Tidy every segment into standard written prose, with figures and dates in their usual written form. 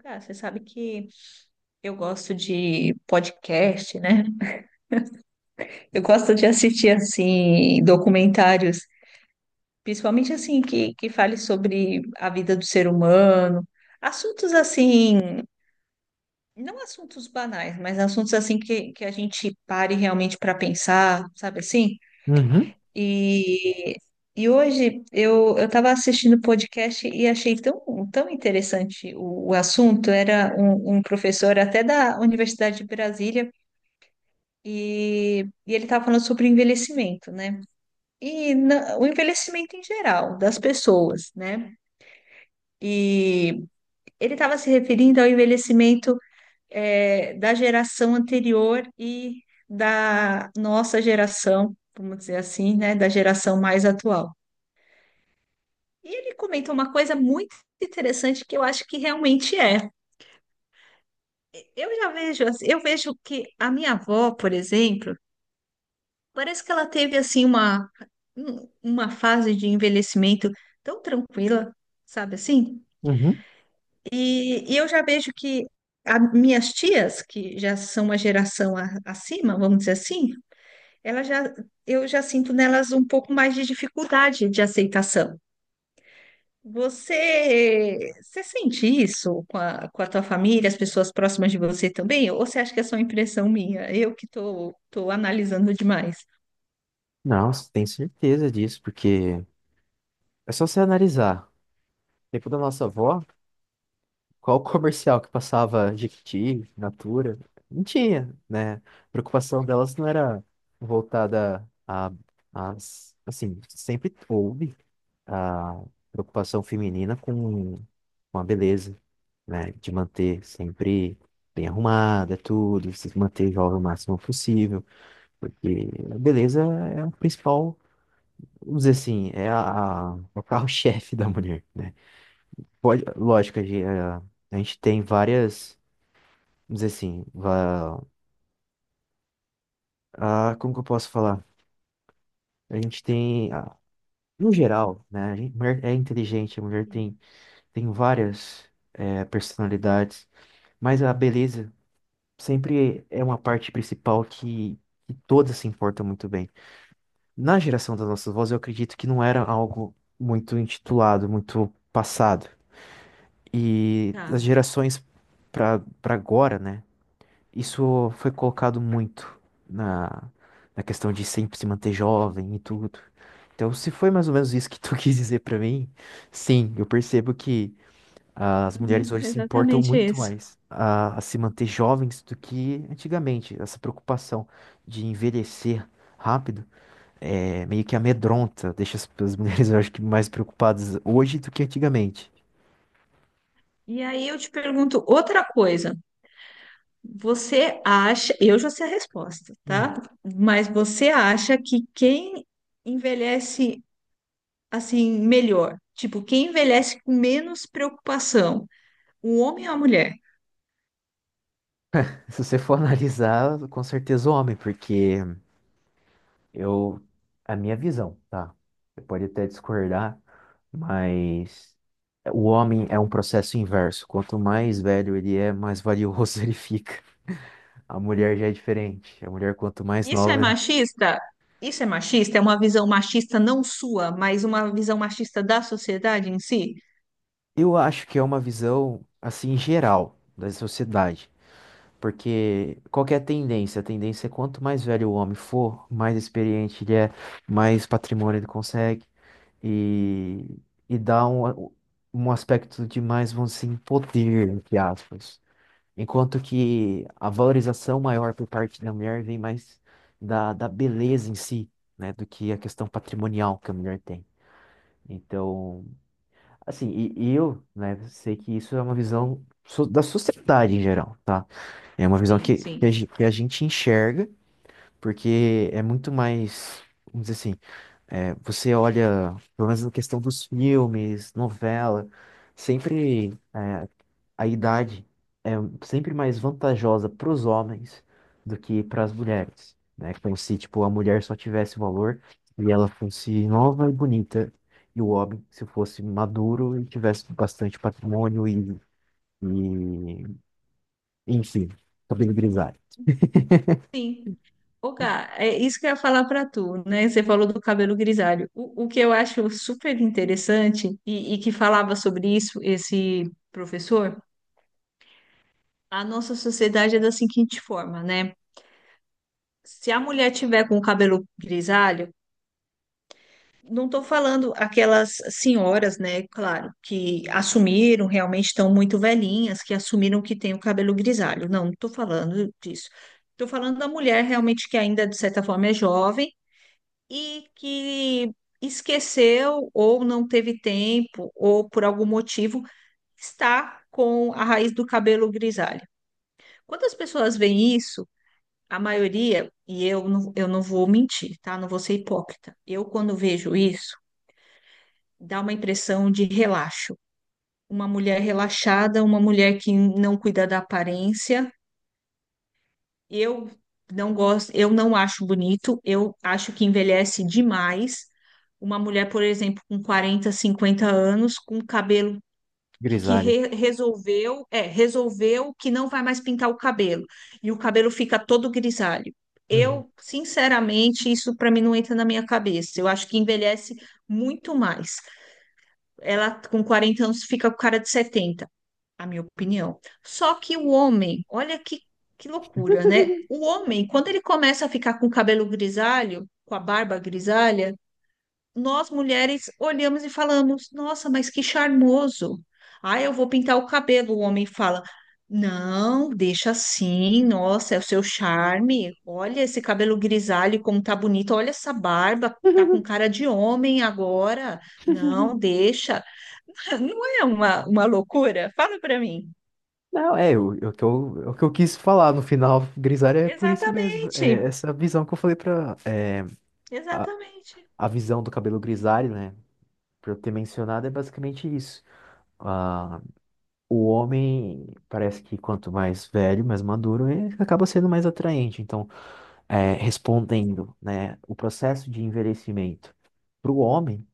Cara, você sabe que eu gosto de podcast, né? Eu gosto de assistir assim documentários, principalmente assim que fale sobre a vida do ser humano, assuntos assim, não assuntos banais, mas assuntos assim que a gente pare realmente para pensar, sabe assim? Uhum, E e hoje eu estava assistindo podcast e achei tão interessante o assunto. Era um professor até da Universidade de Brasília. E ele estava falando sobre o envelhecimento, né? E o envelhecimento em geral das pessoas, né? E ele estava se referindo ao envelhecimento da geração anterior e da nossa geração, vamos dizer assim, né? Da geração mais atual. E ele comentou uma coisa muito interessante que eu acho que realmente é. Eu já vejo, eu vejo que a minha avó, por exemplo, parece que ela teve assim uma uma fase de envelhecimento tão tranquila, sabe assim? uhum. E eu já vejo que minhas tias, que já são uma geração acima, vamos dizer assim, ela já eu já sinto nelas um pouco mais de dificuldade de aceitação. Você sente isso com com a tua família, as pessoas próximas de você também? Ou você acha que é só impressão minha? Eu que tô analisando demais. Nossa, tenho certeza disso, porque é só você analisar. No tempo da nossa avó, qual comercial que passava, Jequiti, Natura? Não tinha, né? A preocupação delas não era voltada a, assim, sempre houve a preocupação feminina com a beleza, né? De manter sempre bem arrumada, tudo, se manter jovem o máximo possível, porque a beleza é o principal, vamos dizer assim, é o carro-chefe da mulher, né? Pode, lógico, a gente tem várias, vamos dizer assim, como que eu posso falar? A gente tem, no geral, né? Mulher é inteligente, a mulher Sim. Tem várias personalidades, mas a beleza sempre é uma parte principal que todas se importam muito bem. Na geração das nossas vozes, eu acredito que não era algo muito intitulado, muito passado. E as Tá. gerações para agora, né? Isso foi colocado muito na, na questão de sempre se manter jovem e tudo. Então, se foi mais ou menos isso que tu quis dizer para mim, sim, eu percebo que as mulheres Uhum, hoje se importam exatamente muito isso. mais a se manter jovens do que antigamente. Essa preocupação de envelhecer rápido é meio que amedronta, deixa as mulheres, eu acho que, mais preocupadas hoje do que antigamente. E aí eu te pergunto outra coisa. Você acha, eu já sei a resposta, tá? Mas você acha que quem envelhece assim melhor, tipo, quem envelhece com menos preocupação, o homem ou a mulher? Se você for analisar, com certeza o homem, porque eu, a minha visão, tá? Você pode até discordar, mas o homem é um processo inverso. Quanto mais velho ele é, mais valioso ele fica. A mulher já é diferente. A mulher, quanto mais Isso é nova, machista? Isso é machista? É uma visão machista não sua, mas uma visão machista da sociedade em si? eu acho que é uma visão assim geral da sociedade. Porque qual que é a tendência? A tendência é quanto mais velho o homem for, mais experiente ele é, mais patrimônio ele consegue. E, e dá um aspecto de mais, vamos assim, poder, entre aspas. Enquanto que a valorização maior por parte da mulher vem mais da beleza em si, né? Do que a questão patrimonial que a mulher tem. Então, assim, e eu, né, sei que isso é uma visão da sociedade em geral, tá? É uma visão Sim, que, que, a, sim. gen- que a gente enxerga, porque é muito mais, vamos dizer assim, é, você olha, pelo menos na questão dos filmes, novela, sempre. é, a idade é sempre mais vantajosa para os homens do que para as mulheres, né? Como se, tipo, a mulher só tivesse valor e ela fosse nova e bonita, e o homem se fosse maduro e tivesse bastante patrimônio e enfim, cabelo grisalho. Sim. Ô, Gá, é isso que eu ia falar para tu, né? Você falou do cabelo grisalho. O que eu acho super interessante e que falava sobre isso esse professor, a nossa sociedade é da seguinte forma, né? Se a mulher tiver com o cabelo grisalho, não estou falando aquelas senhoras, né? Claro, que assumiram, realmente estão muito velhinhas, que assumiram que tem o cabelo grisalho. Não, não estou falando disso. Estou falando da mulher realmente que ainda, de certa forma, é jovem e que esqueceu ou não teve tempo ou por algum motivo está com a raiz do cabelo grisalha. Quando as pessoas veem isso, a maioria, e eu não vou mentir, tá? Não vou ser hipócrita. Eu, quando vejo isso, dá uma impressão de relaxo. Uma mulher relaxada, uma mulher que não cuida da aparência, eu não gosto, eu não acho bonito, eu acho que envelhece demais. Uma mulher, por exemplo, com 40, 50 anos, com cabelo que, que Grisalho. re- resolveu, resolveu que não vai mais pintar o cabelo, e o cabelo fica todo grisalho. Uhum. Eu, sinceramente, isso para mim não entra na minha cabeça. Eu acho que envelhece muito mais. Ela com 40 anos fica com cara de 70, a minha opinião. Só que o homem, que loucura, né? O homem, quando ele começa a ficar com o cabelo grisalho, com a barba grisalha, nós mulheres olhamos e falamos: Nossa, mas que charmoso! Ah, eu vou pintar o cabelo. O homem fala: Não, deixa assim. Nossa, é o seu charme. Olha esse cabelo grisalho, como tá bonito. Olha essa barba, tá com cara de homem agora. Não, deixa. Não é uma loucura? Fala pra mim. Não, o que eu, é o que eu quis falar no final, grisalho é por isso mesmo. É Exatamente, essa visão que eu falei pra. A, exatamente. a visão do cabelo grisalho, né? Por eu ter mencionado, é basicamente isso. Ah, o homem parece que quanto mais velho, mais maduro, ele acaba sendo mais atraente. Então, respondendo, né, o processo de envelhecimento para o homem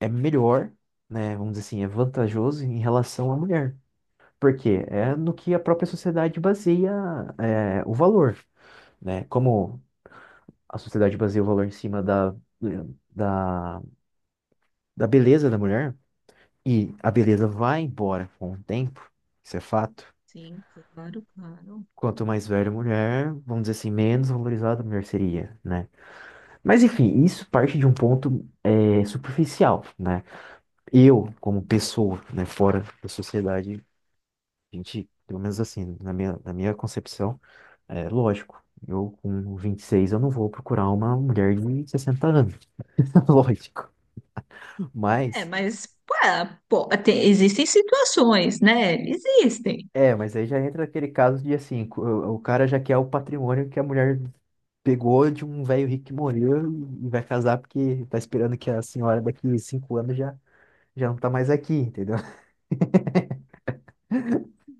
é melhor, né, vamos dizer assim, é vantajoso em relação à mulher. Por quê? É no que a própria sociedade baseia, o valor, né? Como a sociedade baseia o valor em cima da, da beleza da mulher. E a beleza vai embora com o tempo, isso é fato. Sim, claro, claro. Quanto mais velha a mulher, vamos dizer assim, menos valorizada a mulher seria, né? Mas enfim, isso parte de um ponto superficial, né? Eu, como pessoa, né, fora da sociedade, a gente, pelo menos assim, na minha concepção, é lógico. Eu, com 26, eu não vou procurar uma mulher de 60 anos, lógico. É, Mas, pô, existem situações, né? Existem. Mas aí já entra aquele caso de assim, o cara já quer o patrimônio que a mulher pegou de um velho rico que morreu e vai casar porque tá esperando que a senhora daqui 5 anos já não tá mais aqui, entendeu?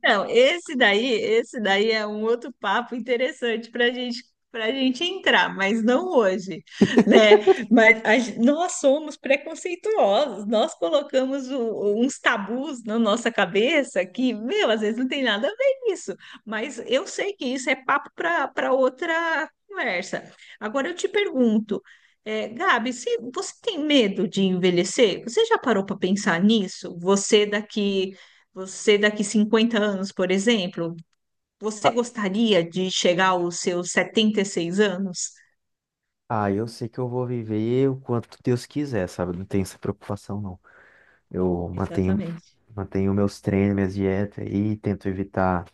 Não, esse daí é um outro papo interessante para gente entrar, mas não hoje, né? Mas a nós somos preconceituosos, nós colocamos uns tabus na nossa cabeça que, meu, às vezes não tem nada a ver com isso, mas eu sei que isso é papo para outra conversa. Agora eu te pergunto, Gabi, se você tem medo de envelhecer? Você já parou para pensar nisso? Você daqui 50 anos, por exemplo, você gostaria de chegar aos seus 76 anos? Ah, eu sei que eu vou viver o quanto Deus quiser, sabe? Não tenho essa preocupação, não. Eu Exatamente. mantenho meus treinos, minhas dietas aí, tento evitar,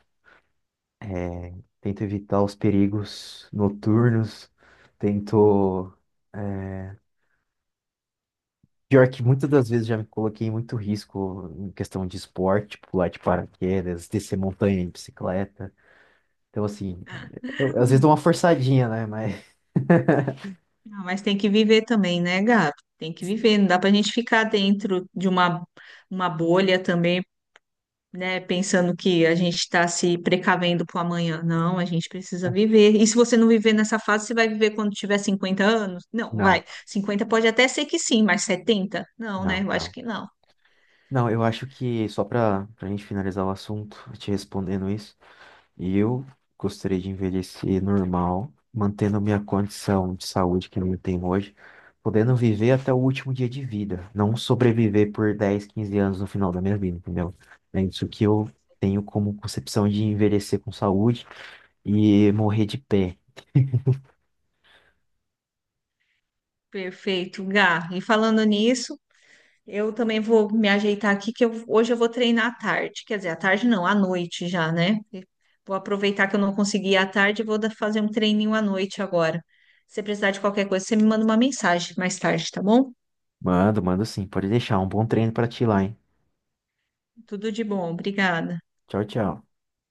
é, tento evitar os perigos noturnos, tento. é, Pior que muitas das vezes já me coloquei em muito risco em questão de esporte, pular de paraquedas, descer montanha de bicicleta. Então, assim, eu, às vezes dou uma forçadinha, né? Mas. Ah, mas tem que viver também, né, Gabi? Tem que viver, não dá para a gente ficar dentro de uma bolha também, né, pensando que a gente está se precavendo para o amanhã. Não, a gente precisa viver. E se você não viver nessa fase, você vai viver quando tiver 50 anos? Não, Não, vai. 50 pode até ser que sim, mas 70? Não, né? não, Eu acho não. que não. Não, eu acho que só para a gente finalizar o assunto, te respondendo isso, eu gostaria de envelhecer normal, mantendo minha condição de saúde que eu tenho hoje, podendo viver até o último dia de vida, não sobreviver por 10, 15 anos no final da minha vida, entendeu? É isso que eu tenho como concepção de envelhecer com saúde e morrer de pé. Perfeito, Gá. E falando nisso, eu também vou me ajeitar aqui, que hoje eu vou treinar à tarde. Quer dizer, à tarde não, à noite já, né? Vou aproveitar que eu não consegui ir à tarde e vou fazer um treininho à noite agora. Se precisar de qualquer coisa, você me manda uma mensagem mais tarde, tá bom? Mando, mando sim, pode deixar um bom treino para ti lá, hein? Tudo de bom, obrigada. Tchau, tchau.